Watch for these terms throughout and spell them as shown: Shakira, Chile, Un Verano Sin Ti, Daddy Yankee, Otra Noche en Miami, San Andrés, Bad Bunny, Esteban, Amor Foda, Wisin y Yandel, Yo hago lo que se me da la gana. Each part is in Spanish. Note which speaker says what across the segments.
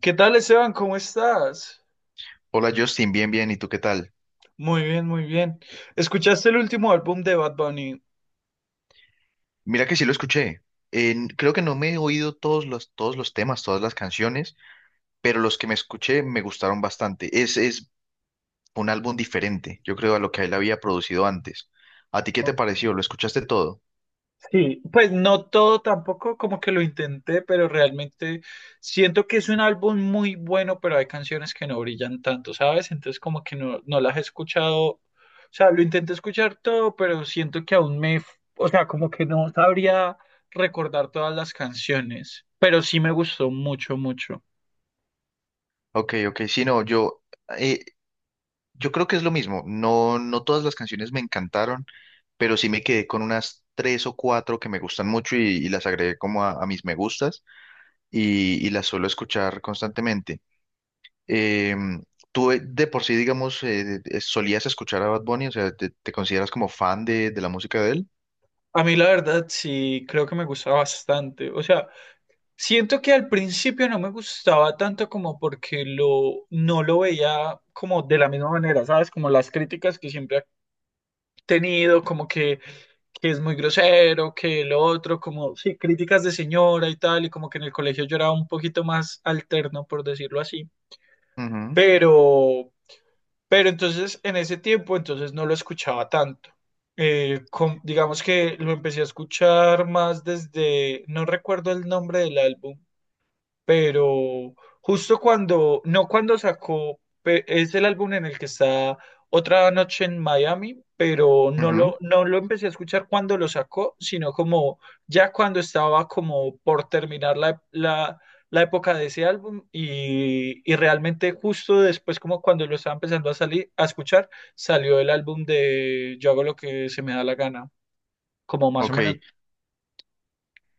Speaker 1: ¿Qué tal, Esteban? ¿Cómo estás?
Speaker 2: Hola Justin, bien, bien, ¿y tú qué tal?
Speaker 1: Muy bien, muy bien. ¿Escuchaste el último álbum de Bad Bunny?
Speaker 2: Mira que sí lo escuché. Creo que no me he oído todos los temas, todas las canciones, pero los que me escuché me gustaron bastante. Es un álbum diferente, yo creo, a lo que él había producido antes. ¿A ti qué te
Speaker 1: Ok.
Speaker 2: pareció? ¿Lo escuchaste todo?
Speaker 1: Sí, pues no todo tampoco, como que lo intenté, pero realmente siento que es un álbum muy bueno, pero hay canciones que no brillan tanto, ¿sabes? Entonces como que no, no las he escuchado, o sea, lo intenté escuchar todo, pero siento que aún me, o sea, como que no sabría recordar todas las canciones, pero sí me gustó mucho, mucho.
Speaker 2: Ok, ok, sí, no, eh, yo creo que es lo mismo. No, no todas las canciones me encantaron, pero sí me quedé con unas tres o cuatro que me gustan mucho y las agregué como a mis me gustas y las suelo escuchar constantemente. Eh, tú de por sí, digamos, solías escuchar a Bad Bunny, o sea, ¿te, te consideras como fan de la música de él?
Speaker 1: A mí la verdad sí creo que me gusta bastante, o sea. Siento que al principio no me gustaba tanto como porque no lo veía como de la misma manera, ¿sabes? Como las críticas que siempre ha tenido, como que es muy grosero, que lo otro, como, sí, críticas de señora y tal, y como que en el colegio yo era un poquito más alterno, por decirlo así.
Speaker 2: Ujú,
Speaker 1: Pero, pero entonces en ese tiempo entonces no lo escuchaba tanto. Digamos que lo empecé a escuchar más desde, no recuerdo el nombre del álbum pero justo cuando, no cuando sacó, es el álbum en el que está Otra Noche en Miami, pero no
Speaker 2: ujú.
Speaker 1: lo, no lo empecé a escuchar cuando lo sacó, sino como ya cuando estaba como por terminar la época de ese álbum y realmente justo después como cuando lo estaba empezando a salir, a escuchar, salió el álbum de Yo hago lo que se me da la gana, como más o
Speaker 2: Ok,
Speaker 1: menos.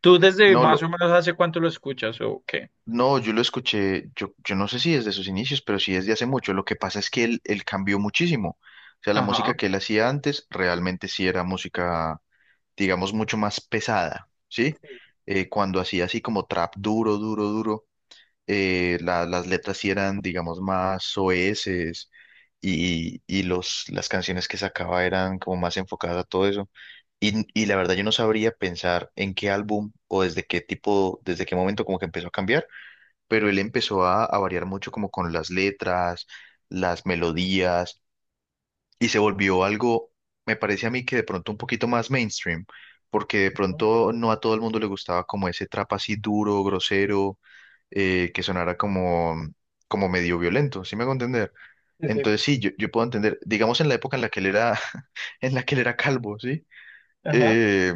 Speaker 1: ¿Tú desde
Speaker 2: no,
Speaker 1: más o
Speaker 2: lo,
Speaker 1: menos hace cuánto lo escuchas o qué?
Speaker 2: no, yo lo escuché, yo no sé si desde sus inicios, pero sí desde hace mucho. Lo que pasa es que él cambió muchísimo. O sea, la
Speaker 1: Ajá.
Speaker 2: música que él hacía antes realmente sí era música, digamos, mucho más pesada, ¿sí? Cuando hacía así como trap duro, duro, duro. Las letras sí eran, digamos, más soeces y las canciones que sacaba eran como más enfocadas a todo eso. Y la verdad yo no sabría pensar en qué álbum o desde qué tipo, desde qué momento como que empezó a cambiar, pero él empezó a variar mucho como con las letras, las melodías y se volvió algo, me parece a mí que de pronto un poquito más mainstream. Porque de pronto no a todo el mundo le gustaba como ese trap así duro, grosero, que sonara como, como medio violento, ¿sí me hago entender?
Speaker 1: Sí, sí,
Speaker 2: Entonces sí, yo puedo entender, digamos en la época en la que él era, en la que él era calvo, ¿sí?
Speaker 1: ajá.
Speaker 2: Eh,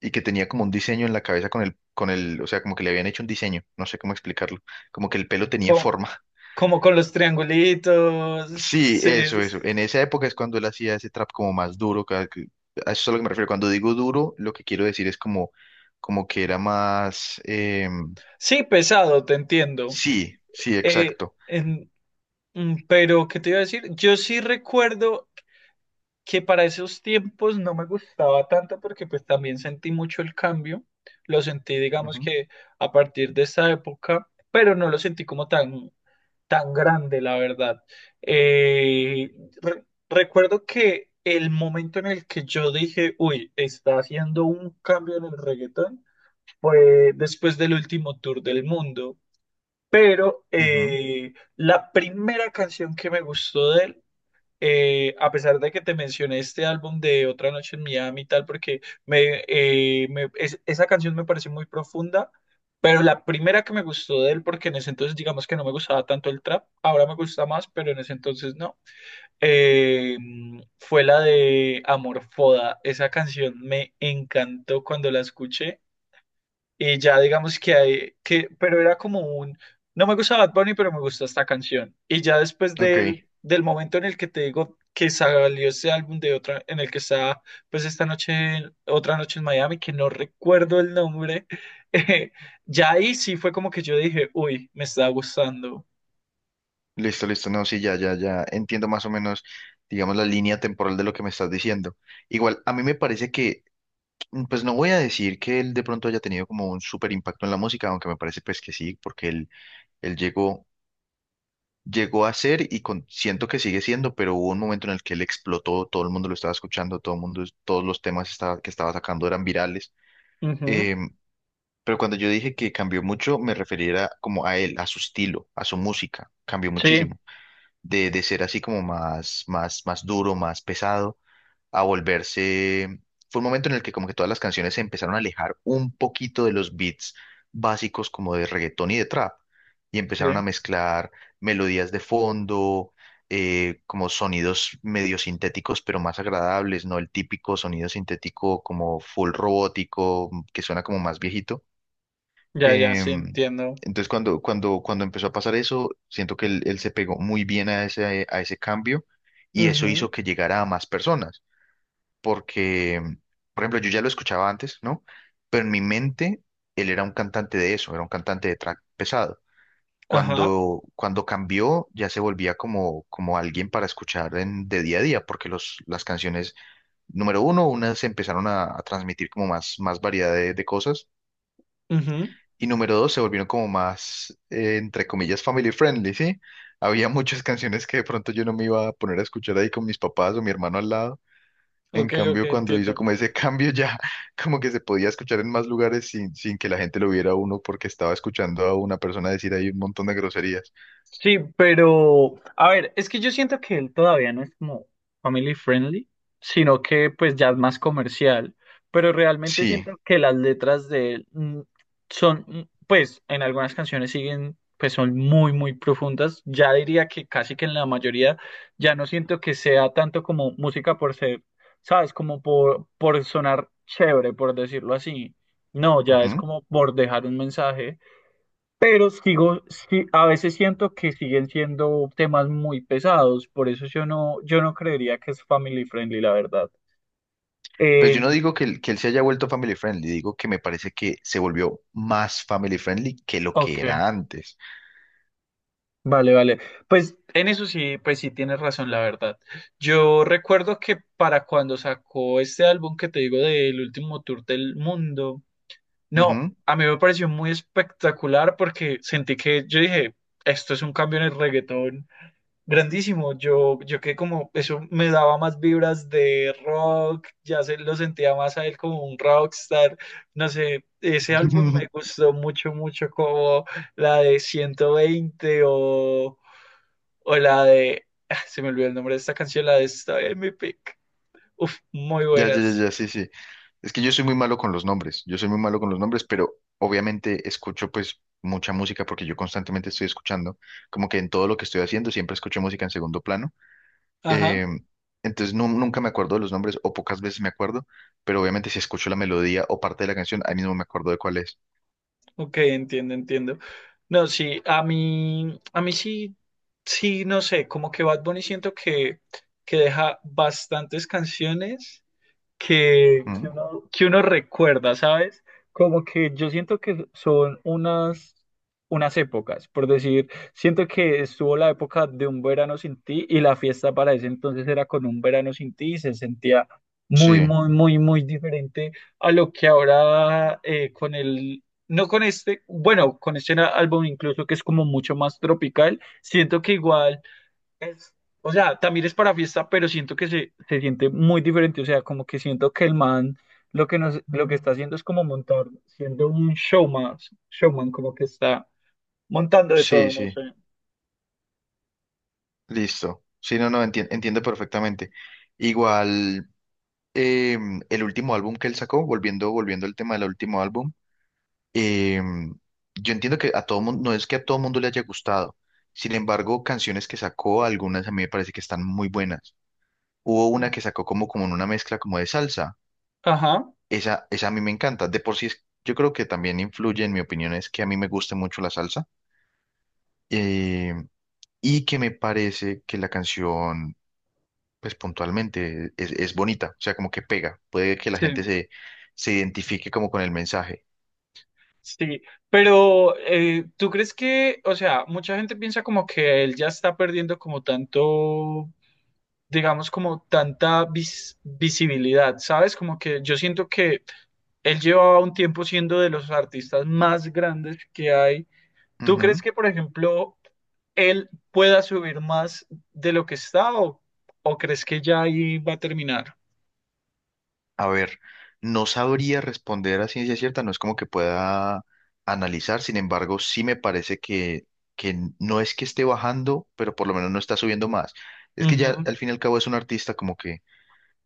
Speaker 2: y que tenía como un diseño en la cabeza con el, o sea, como que le habían hecho un diseño, no sé cómo explicarlo, como que el pelo tenía
Speaker 1: Como,
Speaker 2: forma.
Speaker 1: como con los triangulitos.
Speaker 2: Sí,
Speaker 1: Sí,
Speaker 2: eso, eso. En esa época es cuando él hacía ese trap como más duro. A eso es a lo que me refiero. Cuando digo duro, lo que quiero decir es como, como que era más...
Speaker 1: sí, pesado, te entiendo.
Speaker 2: sí, sí,
Speaker 1: Eh,
Speaker 2: exacto.
Speaker 1: en- pero, ¿qué te iba a decir? Yo sí recuerdo que para esos tiempos no me gustaba tanto porque pues también sentí mucho el cambio. Lo sentí, digamos
Speaker 2: Ujú,
Speaker 1: que a partir de esa época, pero no lo sentí como tan grande, la verdad. Eh, recuerdo que el momento en el que yo dije, uy, está haciendo un cambio en el reggaetón, fue después del último tour del mundo. Pero
Speaker 2: ujú,
Speaker 1: la primera canción que me gustó de él, a pesar de que te mencioné este álbum de Otra Noche en Miami y tal, porque esa canción me pareció muy profunda. Pero la primera que me gustó de él, porque en ese entonces digamos que no me gustaba tanto el trap, ahora me gusta más, pero en ese entonces no, eh, fue la de Amor Foda. Esa canción me encantó cuando la escuché. Y ya digamos que hay, que, pero era como un, no me gusta Bad Bunny, pero me gusta esta canción. Y ya después del,
Speaker 2: ok.
Speaker 1: del momento en el que te digo que salió ese álbum de otra, en el que está, pues esta noche, otra noche en Miami, que no recuerdo el nombre, eh, ya ahí sí fue como que yo dije, uy, me está gustando.
Speaker 2: Listo, listo, no, sí, ya, ya, ya entiendo más o menos, digamos, la línea temporal de lo que me estás diciendo. Igual, a mí me parece que, pues no voy a decir que él de pronto haya tenido como un súper impacto en la música, aunque me parece pues que sí, porque él llegó, llegó a ser siento que sigue siendo, pero hubo un momento en el que él explotó, todo el mundo lo estaba escuchando, todo el mundo, todos los temas estaba- que estaba sacando eran virales.
Speaker 1: Ujú,
Speaker 2: Em, pero cuando yo dije que cambió mucho, me refería como a él, a su estilo, a su música, cambió
Speaker 1: sí,
Speaker 2: muchísimo. De ser así como más, más, más duro, más pesado, a volverse... Fue un momento en el que como que todas las canciones se empezaron a alejar un poquito de los beats básicos como de reggaetón y de trap, y
Speaker 1: sí,
Speaker 2: empezaron a mezclar melodías de fondo, como sonidos medio sintéticos, pero más agradables, no el típico sonido sintético como full robótico, que suena como más viejito.
Speaker 1: ya, ya, sí,
Speaker 2: Em,
Speaker 1: entiendo.
Speaker 2: entonces, cuando empezó a pasar eso, siento que él se pegó muy bien a ese cambio y eso
Speaker 1: Ujú,
Speaker 2: hizo que llegara a más personas, porque, por ejemplo, yo ya lo escuchaba antes, ¿no? Pero en mi mente, él era un cantante de eso, era un cantante de trap pesado.
Speaker 1: ajá,
Speaker 2: Cuando cambió, ya se volvía como, como alguien para escuchar en, de día a día, porque las canciones, número uno, unas se empezaron a transmitir como más, más variedad de cosas
Speaker 1: ujú,
Speaker 2: y número dos, se volvieron como más, entre comillas, family friendly, ¿sí? Había muchas canciones que de pronto yo no me iba a poner a escuchar ahí con mis papás o mi hermano al lado. En
Speaker 1: ok, ok,
Speaker 2: cambio, cuando hizo
Speaker 1: entiendo.
Speaker 2: como ese cambio ya, como que se podía escuchar en más lugares sin, sin que la gente lo viera a uno porque estaba escuchando a una persona decir ahí un montón de groserías.
Speaker 1: Sí, pero a ver, es que yo siento que él todavía no es como family friendly, sino que pues ya es más comercial, pero realmente
Speaker 2: Sí.
Speaker 1: siento que las letras de él son, pues en algunas canciones siguen, pues son muy, muy profundas, ya diría que casi que en la mayoría ya no siento que sea tanto como música por ser, ¿sabes? Como por sonar chévere, por decirlo así. No, ya es
Speaker 2: Ujú.
Speaker 1: como por dejar un mensaje. Pero sigo, sí, a veces siento que siguen siendo temas muy pesados, por eso yo no creería que es family friendly, la verdad.
Speaker 2: Pues
Speaker 1: Eh,
Speaker 2: yo no digo que, que él se haya vuelto family friendly, digo que me parece que se volvió más family friendly que lo que
Speaker 1: ok,
Speaker 2: era antes.
Speaker 1: vale, vale. Pues en eso sí, pues sí tienes razón, la verdad. Yo recuerdo que para cuando sacó este álbum que te digo del último tour del mundo, no,
Speaker 2: Ujú.
Speaker 1: a mí me pareció muy espectacular porque sentí que yo dije, esto es un cambio en el reggaetón grandísimo, yo que como eso me daba más vibras de rock, ya se lo sentía más a él como un rockstar, no sé, ese álbum me gustó mucho, mucho como la de 120 o la de, ah, se me olvidó el nombre de esta canción, la de esta en mi pick, uf, muy
Speaker 2: Ya, ya, ya,
Speaker 1: buenas,
Speaker 2: ya, sí, sí. Es que yo soy muy malo con los nombres, yo soy muy malo con los nombres, pero obviamente escucho pues mucha música porque yo constantemente estoy escuchando, como que en todo lo que estoy haciendo siempre escucho música en segundo plano.
Speaker 1: ajá,
Speaker 2: Eh, entonces nunca me acuerdo de los nombres o pocas veces me acuerdo, pero obviamente si escucho la melodía o parte de la canción, ahí mismo me acuerdo de cuál es.
Speaker 1: ok, entiendo, entiendo, no, sí, a mí sí, sí, no sé, como que Bad Bunny siento que, deja bastantes canciones que, que
Speaker 2: Ujú.
Speaker 1: uno, que uno recuerda, ¿sabes? Como que yo siento que son unas épocas, por decir, siento que estuvo la época de un verano sin ti y la fiesta para ese entonces era con un verano sin ti y se sentía muy,
Speaker 2: Sí,
Speaker 1: muy, muy, muy diferente a lo que ahora no con este, bueno, con este álbum incluso que es como mucho más tropical, siento que igual es, o sea, también es para fiesta, pero siento que se siente muy diferente. O sea, como que siento que el man lo que está haciendo es como montar, siendo un showman, showman, como que está montando de
Speaker 2: sí,
Speaker 1: todo, no
Speaker 2: sí,
Speaker 1: sé.
Speaker 2: listo. Sí, no, no, entiendo perfectamente. Igual, el último álbum que él sacó, volviendo al tema del último álbum. eh, yo entiendo que a todo mundo, no es que a todo mundo le haya gustado. Sin embargo, canciones que sacó, algunas a mí me parece que están muy buenas. Hubo una que sacó como, como en una mezcla como de salsa.
Speaker 1: Ajá,
Speaker 2: Esa a mí me encanta. De por sí, yo creo que también influye, en mi opinión, es que a mí me gusta mucho la salsa. eh, y que me parece que la canción, pues puntualmente, es bonita. O sea, como que pega. Puede que la
Speaker 1: sí,
Speaker 2: gente se, se identifique como con el mensaje.
Speaker 1: sí. Pero ¿tú crees que, o sea, mucha gente piensa como que él ya está perdiendo como tanto digamos, como tanta visibilidad, ¿sabes? Como que yo siento que él llevaba un tiempo siendo de los artistas más grandes que hay. ¿Tú crees que, por ejemplo, él pueda subir más de lo que está o crees que ya ahí va a terminar?
Speaker 2: A ver, no sabría responder a ciencia cierta, no es como que pueda analizar, sin embargo, sí me parece que no es que esté bajando, pero por lo menos no está subiendo más. Es que ya
Speaker 1: Ujú,
Speaker 2: al fin y al cabo es un artista como que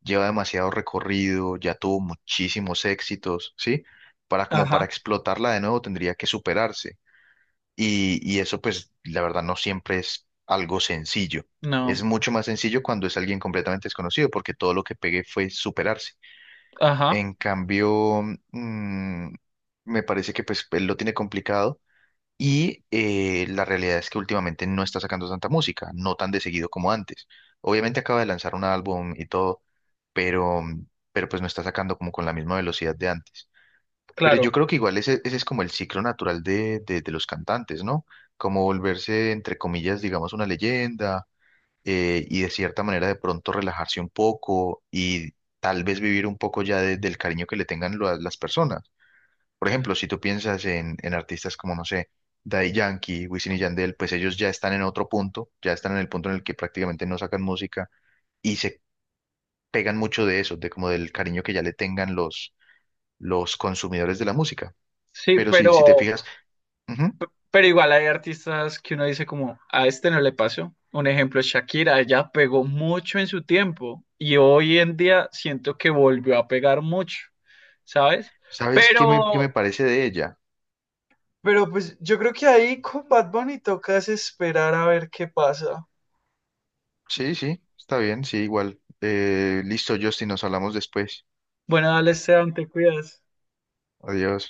Speaker 2: lleva demasiado recorrido, ya tuvo muchísimos éxitos, ¿sí? Para como para
Speaker 1: ajá,
Speaker 2: explotarla de nuevo tendría que superarse. Y eso pues la verdad no siempre es algo sencillo. Es
Speaker 1: no,
Speaker 2: mucho más sencillo cuando es alguien completamente desconocido, porque todo lo que pegue fue superarse.
Speaker 1: ajá,
Speaker 2: En cambio, mm, me parece que pues él lo tiene complicado y la realidad es que últimamente no está sacando tanta música, no tan de seguido como antes. Obviamente acaba de lanzar un álbum y todo, pero, pero pues no está sacando como con la misma velocidad de antes. Pero yo
Speaker 1: claro.
Speaker 2: creo que igual ese es como el ciclo natural de los cantantes, ¿no? Como volverse, entre comillas, digamos, una leyenda y de cierta manera de pronto relajarse un poco y tal vez vivir un poco ya del cariño que le tengan las personas. Por ejemplo, si tú piensas en artistas como, no sé, Daddy Yankee, Wisin y Yandel, pues ellos ya están en otro punto, ya están en el punto en el que prácticamente no sacan música y se pegan mucho de eso, de como del cariño que ya le tengan los consumidores de la música.
Speaker 1: Sí,
Speaker 2: Pero si te
Speaker 1: pero,
Speaker 2: fijas, ujú,
Speaker 1: pero igual hay artistas que uno dice como, a este no le pasó. Un ejemplo es Shakira, ella pegó mucho en su tiempo y hoy en día siento que volvió a pegar mucho, ¿sabes?
Speaker 2: ¿sabes qué qué me
Speaker 1: Pero
Speaker 2: parece de ella?
Speaker 1: Pero pues yo creo que ahí con Bad Bunny tocas esperar a ver qué pasa.
Speaker 2: Sí, sí, está bien, sí, igual. Listo, Justin, nos hablamos después.
Speaker 1: Bueno, dale, Esteban, te cuidas.
Speaker 2: Adiós.